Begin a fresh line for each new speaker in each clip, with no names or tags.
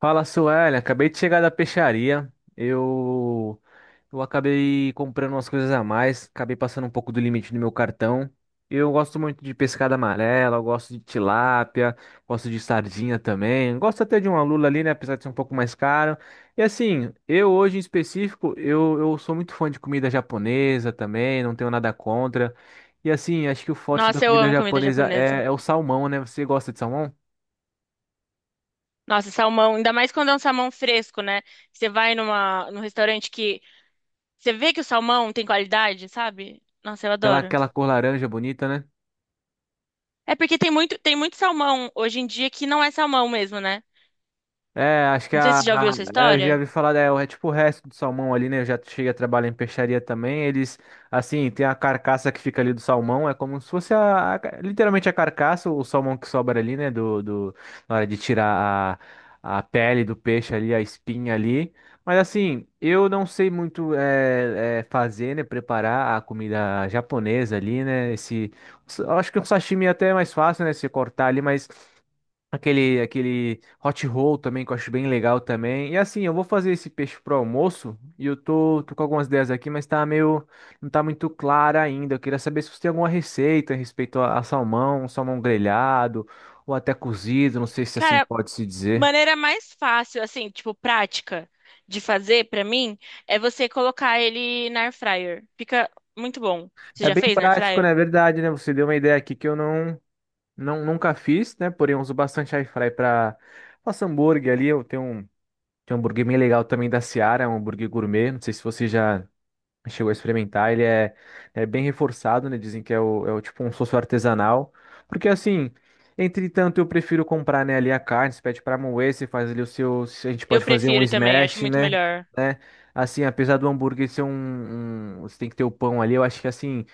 Fala, Suélia. Acabei de chegar da peixaria. Eu acabei comprando umas coisas a mais, acabei passando um pouco do limite do meu cartão. Eu gosto muito de pescada amarela, eu gosto de tilápia, gosto de sardinha também. Gosto até de uma lula ali, né, apesar de ser um pouco mais caro. E assim, eu hoje em específico, eu sou muito fã de comida japonesa também, não tenho nada contra. E assim, acho que o forte da
Nossa, eu
comida
amo comida
japonesa
japonesa.
é o salmão, né? Você gosta de salmão?
Nossa, salmão, ainda mais quando é um salmão fresco, né? Você vai numa, num restaurante que você vê que o salmão tem qualidade, sabe? Nossa, eu
Aquela,
adoro.
aquela cor laranja bonita, né?
É porque tem muito salmão hoje em dia que não é salmão mesmo, né?
É, acho que
Não sei se você já ouviu essa
é, eu
história.
já vi falar, é, é tipo o resto do salmão ali, né? Eu já cheguei a trabalhar em peixaria também. Eles, assim, tem a carcaça que fica ali do salmão, é como se fosse a literalmente a carcaça, o salmão que sobra ali, né? Na hora de tirar a pele do peixe ali, a espinha ali. Mas assim, eu não sei muito fazer, né? Preparar a comida japonesa ali, né? Esse, eu acho que o sashimi é até mais fácil, né? Se cortar ali, mas. Aquele hot roll também, que eu acho bem legal também. E assim, eu vou fazer esse peixe pro almoço e eu tô com algumas ideias aqui, mas tá meio, não tá muito clara ainda. Eu queria saber se você tem alguma receita a respeito a salmão, salmão grelhado ou até cozido, não sei se assim
Cara,
pode se dizer.
maneira mais fácil, assim, tipo, prática de fazer pra mim é você colocar ele na air fryer. Fica muito bom. Você
É
já
bem
fez na air
prático, na
fryer?
verdade, né? Você deu uma ideia aqui que eu não nunca fiz, né? Porém, eu uso bastante air fry para faço hambúrguer ali, tenho um hambúrguer bem legal também da Seara, é um hambúrguer gourmet, não sei se você já chegou a experimentar, ele é, é bem reforçado, né? Dizem que é o tipo um sosso artesanal. Porque assim, entretanto, eu prefiro comprar, né, ali a carne, você pede pra moer, você faz ali o seu. A gente
Eu
pode fazer um
prefiro também, acho
smash,
muito
né?
melhor.
Né? Assim, apesar do hambúrguer ser um, Você tem que ter o pão ali, eu acho que assim.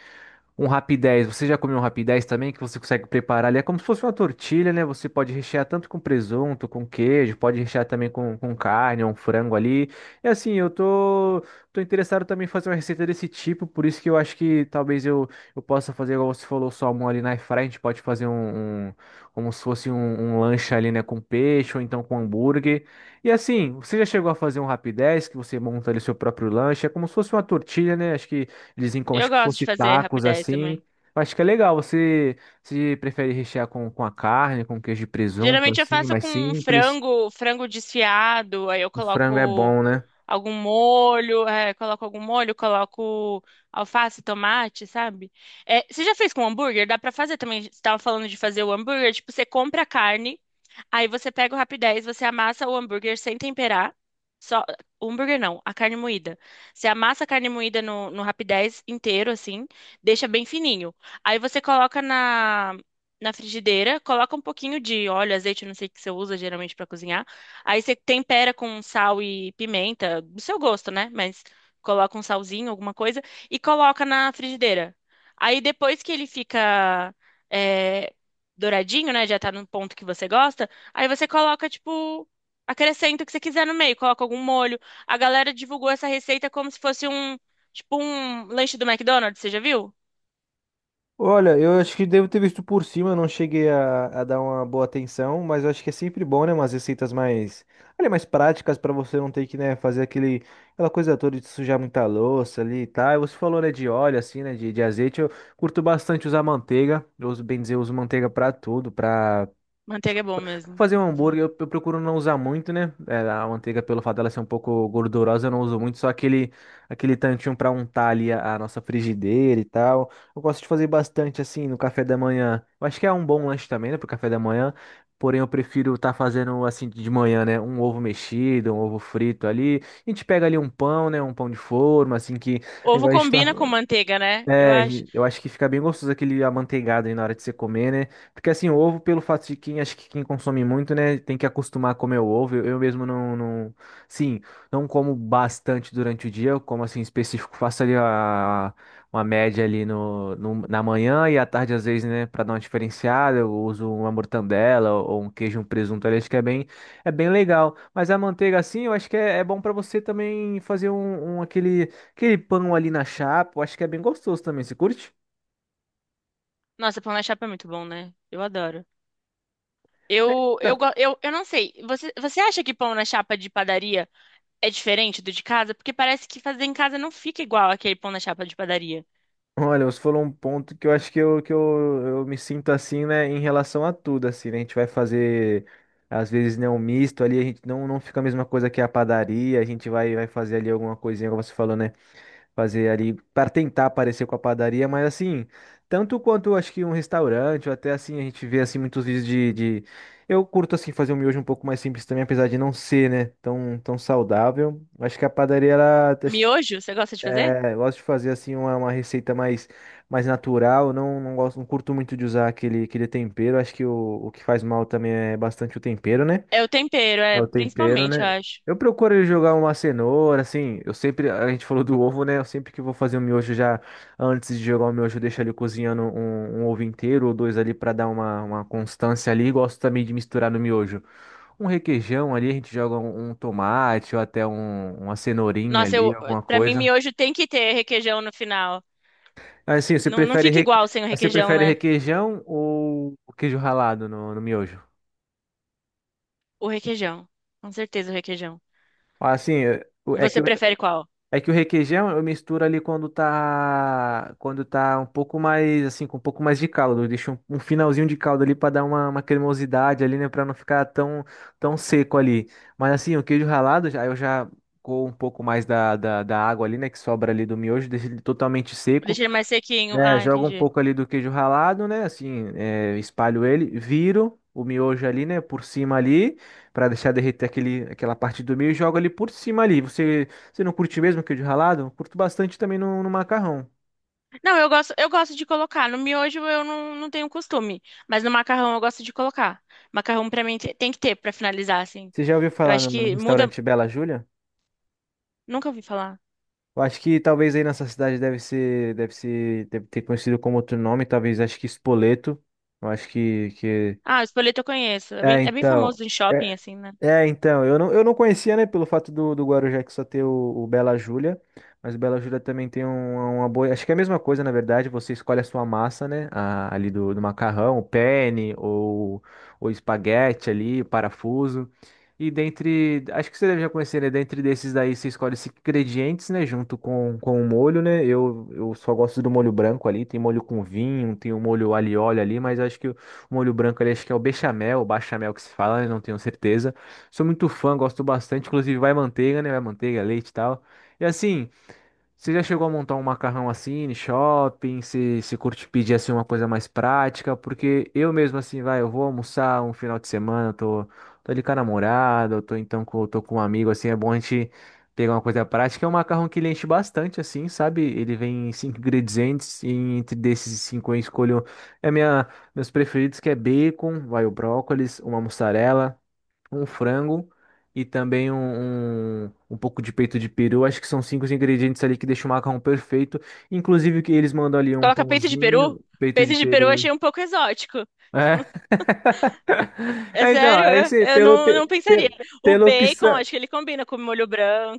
Um rapidez, você já comeu um rapidez também que você consegue preparar ali? É como se fosse uma tortilha, né? Você pode rechear tanto com presunto, com queijo, pode rechear também com carne, um frango ali. É assim, eu tô interessado também em fazer uma receita desse tipo, por isso que eu acho que talvez eu possa fazer, igual você falou, salmão ali na air a gente pode fazer um, como se fosse um, um lanche ali, né? Com peixe ou então com hambúrguer. E assim, você já chegou a fazer um rapidez que você monta ali seu próprio lanche? É como se fosse uma tortilha, né? Acho que dizem como
Eu
acho que
gosto de
fosse
fazer
tacos
rapidez
assim.
também.
Eu acho que é legal. Você se prefere rechear com a carne, com queijo e presunto,
Geralmente eu
assim,
faço
mais
com um
simples.
frango, frango desfiado, aí eu
O frango é
coloco
bom, né?
algum molho, coloco algum molho, coloco alface, tomate, sabe? É, você já fez com hambúrguer? Dá pra fazer também. Você tava falando de fazer o hambúrguer, tipo, você compra a carne. Aí você pega o Rapidez, você amassa o hambúrguer sem temperar. Só, o hambúrguer não, a carne moída. Você amassa a carne moída no Rapidez inteiro, assim, deixa bem fininho. Aí você coloca na frigideira, coloca um pouquinho de óleo, azeite, não sei o que você usa geralmente pra cozinhar. Aí você tempera com sal e pimenta, do seu gosto, né? Mas coloca um salzinho, alguma coisa, e coloca na frigideira. Aí depois que ele fica é, douradinho, né? Já tá no ponto que você gosta. Aí você coloca, tipo, acrescenta o que você quiser no meio, coloca algum molho. A galera divulgou essa receita como se fosse um, tipo, um lanche do McDonald's, você já viu?
Olha, eu acho que devo ter visto por cima, eu não cheguei a dar uma boa atenção, mas eu acho que é sempre bom, né? Umas receitas mais, olha, mais práticas pra você não ter que, né, fazer aquele, aquela coisa toda de sujar muita louça ali e tal. E você falou, né, de óleo, assim, né, de azeite. Eu curto bastante usar manteiga. Eu uso, bem dizer, eu uso manteiga pra tudo, pra
Manteiga é bom
Pra
mesmo
fazer um
pra cozinhar.
hambúrguer, eu procuro não usar muito, né? É, a manteiga, pelo fato dela ser um pouco gordurosa, eu não uso muito, só aquele, aquele tantinho para untar ali a nossa frigideira e tal. Eu gosto de fazer bastante assim no café da manhã. Eu acho que é um bom lanche também, né, pro café da manhã. Porém, eu prefiro estar fazendo assim de manhã, né? Um ovo mexido, um ovo frito ali. A gente pega ali um pão, né? Um pão de forma, assim que.
Ovo
Igual a gente tá.
combina com manteiga, né? Eu
É,
acho.
eu acho que fica bem gostoso aquele amanteigado aí na hora de você comer, né? Porque assim, o ovo, pelo fato de quem, acho que quem consome muito, né, tem que acostumar a comer o ovo. Eu mesmo sim, não como bastante durante o dia, eu como assim específico, faço ali a, uma média ali na manhã e à tarde às vezes, né, pra dar uma diferenciada, eu uso uma mortandela ou um queijo, um presunto ali, acho que é bem legal. Mas a manteiga assim, eu acho que é bom pra você também fazer um, um aquele pão ali na chapa, eu acho que é bem gostoso também. Você curte?
Nossa, pão na chapa é muito bom, né? Eu adoro. Eu, eu,
Então,
go- eu, eu não sei. Você acha que pão na chapa de padaria é diferente do de casa? Porque parece que fazer em casa não fica igual aquele pão na chapa de padaria.
olha, você falou um ponto que eu acho eu me sinto assim, né, em relação a tudo, assim, né? A gente vai fazer, às vezes, né, um misto ali, a gente não fica a mesma coisa que a padaria, a gente vai fazer ali alguma coisinha, como você falou, né? Fazer ali para tentar parecer com a padaria, mas assim, tanto quanto acho que um restaurante, ou até assim, a gente vê assim muitos vídeos de... Eu curto assim fazer um miojo um pouco mais simples também, apesar de não ser, né, tão, tão saudável. Acho que a padaria, ela, acho que
Miojo, você gosta de fazer?
é, eu gosto de fazer assim uma receita mais, mais natural, não gosto, não curto muito de usar aquele, aquele tempero, acho que o que faz mal também é bastante o tempero, né?
É o tempero,
É
é
o tempero,
principalmente,
né?
eu acho.
Eu procuro jogar uma cenoura, assim, eu sempre, a gente falou do ovo, né? Eu sempre que vou fazer um miojo já, antes de jogar o miojo, eu deixo ali cozinhando um, um ovo inteiro ou dois ali pra dar uma constância ali. Gosto também de misturar no miojo um requeijão ali, a gente joga um, um tomate ou até uma cenourinha
Nossa,
ali, alguma
pra mim,
coisa.
miojo tem que ter requeijão no final.
Assim, você
Não, não
prefere,
fica
reque...
igual sem o
você
requeijão,
prefere
né?
requeijão ou queijo ralado no miojo?
O requeijão. Com certeza o requeijão.
Assim, é
E
é que
você prefere qual?
é que o requeijão eu misturo ali quando tá um pouco mais assim, com um pouco mais de caldo. Eu deixo um, um finalzinho de caldo ali para dar uma cremosidade ali, né, para não ficar tão tão seco ali. Mas assim, o queijo ralado já eu já com um pouco mais da água ali, né, que sobra ali do miojo, deixo ele totalmente seco.
Deixa ele mais sequinho.
É,
Ah,
jogo um
entendi.
pouco ali do queijo ralado, né? Assim, é, espalho ele, viro o miojo ali, né? Por cima ali, pra deixar derreter aquele, aquela parte do meio e jogo ali por cima ali. Você não curte mesmo queijo ralado? Eu curto bastante também no macarrão.
Não, eu gosto de colocar. No miojo eu não, não tenho costume. Mas no macarrão eu gosto de colocar. Macarrão pra mim tem que ter pra finalizar, assim.
Você já ouviu
Eu
falar
acho
no
que muda.
restaurante Bela Júlia?
Nunca ouvi falar.
Eu acho que talvez aí nessa cidade deve ter conhecido como outro nome, talvez acho que Espoleto. Eu acho que...
Ah, o espoleto eu conheço.
É,
É bem
então.
famoso em shopping,
É,
assim, né?
é, então, eu não conhecia, né, pelo fato do Guarujá que só ter o Bela Júlia, mas o Bela Júlia também tem uma boa, acho que é a mesma coisa, na verdade, você escolhe a sua massa, né, ali do macarrão, o penne, ou o espaguete ali, o parafuso, e dentre, acho que você deve já conhecer, né, dentre desses daí você escolhe os ingredientes, né, junto com o molho, né, eu só gosto do molho branco ali, tem molho com vinho, tem o molho alho e óleo ali, mas acho que o molho branco ali, acho que é o bechamel, o bachamel que se fala, né, não tenho certeza, sou muito fã, gosto bastante. Inclusive, vai manteiga, né? Vai manteiga, leite e tal. E assim, você já chegou a montar um macarrão assim, em shopping? Se curte pedir assim uma coisa mais prática? Porque eu mesmo, assim, vai, eu vou almoçar um final de semana, eu tô ali com a namorada, eu tô então com, tô com um amigo, assim, é bom a gente pegar uma coisa prática. É um macarrão que ele enche bastante, assim, sabe? Ele vem em cinco ingredientes, e entre desses cinco eu escolho é minha, meus preferidos, que é bacon, vai o brócolis, uma mussarela um frango e também um pouco de peito de peru. Acho que são cinco os ingredientes ali que deixam o macarrão perfeito. Inclusive que eles mandam ali um
Coloca peito de peru?
pãozinho, peito de
Peito de peru eu
peru.
achei um pouco exótico.
É.
É
É, então,
sério,
é
eu
assim,
eu não, não pensaria. O
pela
bacon,
opção.
acho que ele combina com molho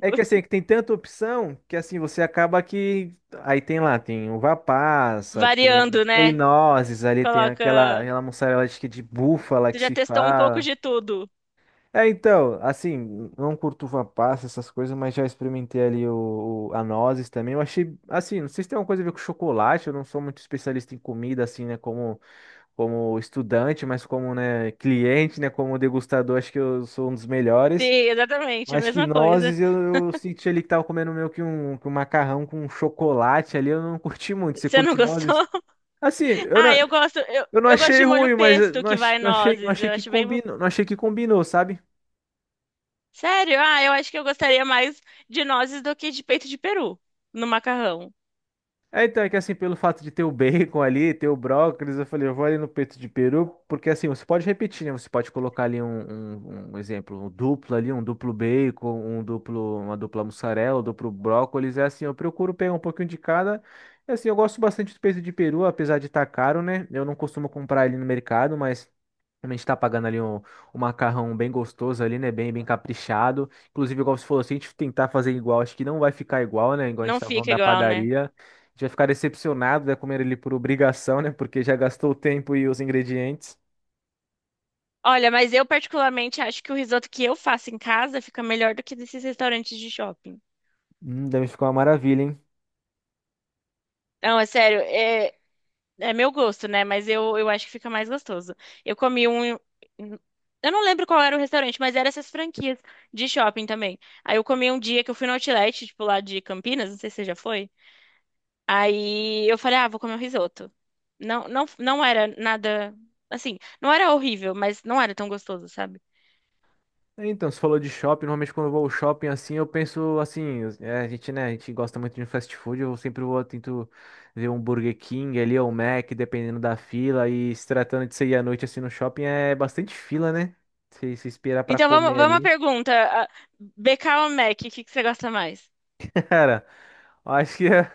É que assim, é que tem tanta opção que assim, você acaba que. Aí tem lá, tem uva passa, tem,
variando,
tem
né?
nozes ali, tem aquela,
Coloca.
aquela mussarela acho que de búfala que
Você já
se
testou um pouco
fala.
de tudo.
É, então, assim, não curto uva passa, essas coisas, mas já experimentei ali a nozes também. Eu achei, assim, não sei se tem alguma coisa a ver com chocolate, eu não sou muito especialista em comida, assim, né, como, como estudante, mas como, né, cliente, né, como degustador, acho que eu sou um dos
Sim,
melhores.
exatamente, a
Mas que
mesma coisa.
nozes, eu senti ali que tava comendo meio que um macarrão com chocolate ali, eu não curti muito. Você
Você não
curte
gostou?
nozes? Assim,
Ah, eu gosto,
eu não
eu gosto
achei
de molho
ruim, mas eu
pesto
não
que vai
não
nozes.
achei
Eu
que
acho bem.
combinou, não achei que combinou, sabe?
Sério? Ah, eu acho que eu gostaria mais de nozes do que de peito de peru no macarrão.
É, então, é que assim, pelo fato de ter o bacon ali, ter o brócolis, eu falei, eu vou ali no peito de peru, porque assim, você pode repetir, né? Você pode colocar ali um exemplo, um duplo ali, um duplo bacon, um duplo, uma dupla mussarela, um duplo brócolis, é assim, eu procuro pegar um pouquinho de cada. E assim, eu gosto bastante do peito de peru, apesar de estar caro, né? Eu não costumo comprar ele no mercado, mas a gente tá pagando ali um, um macarrão bem gostoso ali, né? Bem, bem caprichado. Inclusive, igual você falou, se a gente tentar fazer igual, acho que não vai ficar igual, né? Igual a gente
Não
tava falando
fica
da
igual, né?
padaria. A gente vai ficar decepcionado, né? Comer ele por obrigação, né? Porque já gastou o tempo e os ingredientes.
Olha, mas eu particularmente acho que o risoto que eu faço em casa fica melhor do que desses restaurantes de shopping.
Deve ficar uma maravilha, hein?
Não, é sério, é meu gosto, né? Mas eu acho que fica mais gostoso. Eu comi um. Eu não lembro qual era o restaurante, mas era essas franquias de shopping também. Aí eu comi um dia que eu fui no Outlet, tipo lá de Campinas, não sei se você já foi. Aí eu falei, ah, vou comer um risoto. Não era nada. Assim, não era horrível, mas não era tão gostoso, sabe?
É, então, você falou de shopping, normalmente quando eu vou ao shopping assim, eu penso assim, é, a gente, né, a gente gosta muito de um fast food, eu sempre vou, tento ver um Burger King ali, ou um Mac, dependendo da fila, e se tratando de sair à noite assim no shopping, é bastante fila, né? Se esperar pra
Então vamos,
comer
vamos à
ali,
pergunta. ah, BK ou Mac, o que que você gosta mais?
cara, eu acho que é...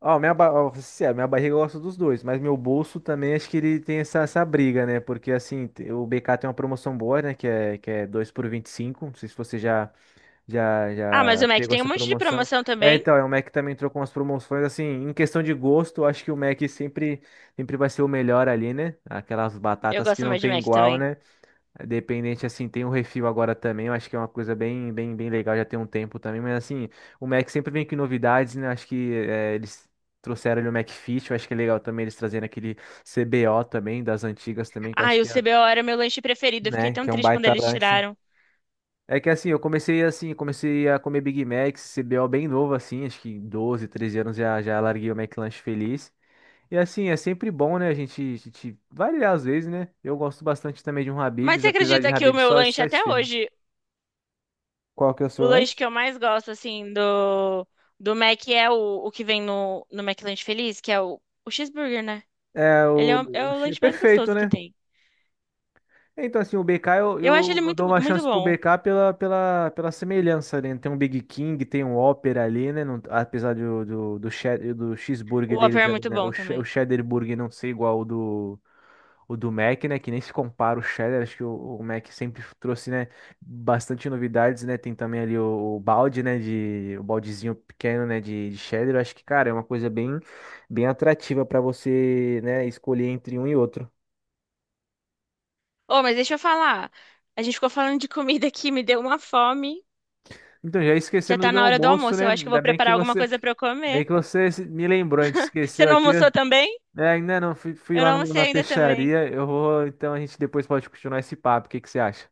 Ó, minha, ba... ó, sincero, minha barriga gosta dos dois, mas meu bolso também acho que ele tem essa, essa briga, né? Porque assim, o BK tem uma promoção boa, né? Que é 2 por 25. Não sei se você já, Já,
Ah, mas
já
o Mac
pegou
tem um
essa
monte de
promoção.
promoção
É,
também.
então, é, o Mac também entrou com as promoções, assim, em questão de gosto, eu acho que o Mac sempre, sempre vai ser o melhor ali, né? Aquelas
Eu
batatas que
gosto
não
mais de
tem
Mac
igual,
também.
né? Dependente, assim, tem o refil agora também, eu acho que é uma coisa bem, bem, bem legal, já tem um tempo também, mas assim, o Mac sempre vem com novidades, né? Acho que é, eles trouxeram ali o McFit, eu acho que é legal também eles trazendo aquele CBO também, das antigas também, que eu acho
Ai, o
que é,
CBO era meu lanche preferido. Eu fiquei
né,
tão
que é um
triste quando
baita
eles
lanche.
tiraram.
É que assim, eu comecei assim, comecei a comer Big Mac, CBO bem novo assim, acho que 12, 13 anos já, já larguei o McLanche feliz. E assim, é sempre bom, né, a gente variar às vezes, né? Eu gosto bastante também de um
Mas
Habib's,
você
apesar de
acredita que o
Habib's
meu
só,
lanche
só
até
esfirra.
hoje,
Qual que é o
o
seu
lanche
lanche?
que eu mais gosto, assim, do, do Mac é o que vem no, no McLanche Feliz, que é o cheeseburger, né?
É
Ele
o...
é o, é o lanche mais
Perfeito,
gostoso que
né?
tem.
Então, assim, o BK, eu,
Eu acho
eu,
ele
eu
muito,
dou uma
muito
chance pro
bom.
BK pela, pela, pela semelhança, né? Tem um Big King, tem um Opera ali, né? Apesar do
O
cheeseburger
Whopper
deles
é
ali,
muito
né? O,
bom
che- o
também.
cheddar burger não ser igual o do Mac, né? Que nem se compara o cheddar. Acho que o Mac sempre trouxe, né? Bastante novidades, né? Tem também ali o balde, né? De, o baldezinho pequeno, né? De cheddar. Eu acho que, cara, é uma coisa bem, bem atrativa para você, né? Escolher entre um e outro.
Ô, mas deixa eu falar. A gente ficou falando de comida aqui, me deu uma fome.
Então, já
Já
esquecendo do
tá
meu
na hora do
almoço,
almoço.
né?
Eu acho que eu
Ainda
vou preparar alguma coisa pra eu
bem
comer.
que você me lembrou, a gente
Você
esqueceu
não
aqui.
almoçou também?
É, ainda não, fui, fui
Eu
lá
não almocei
na
ainda também.
peixaria. Eu vou, então a gente depois pode continuar esse papo. O que que você acha?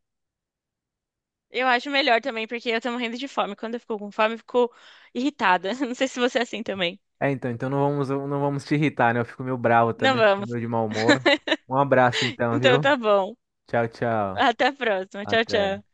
Eu acho melhor também, porque eu tô morrendo de fome. Quando eu fico com fome, eu fico irritada. Não sei se você é assim também.
É, então, então não vamos, não vamos te irritar, né? Eu fico meio bravo
Não
também, fico
vamos.
meio de mau humor. Um abraço então,
Então
viu?
tá bom.
Tchau, tchau.
Até a próxima. Tchau,
Até.
tchau.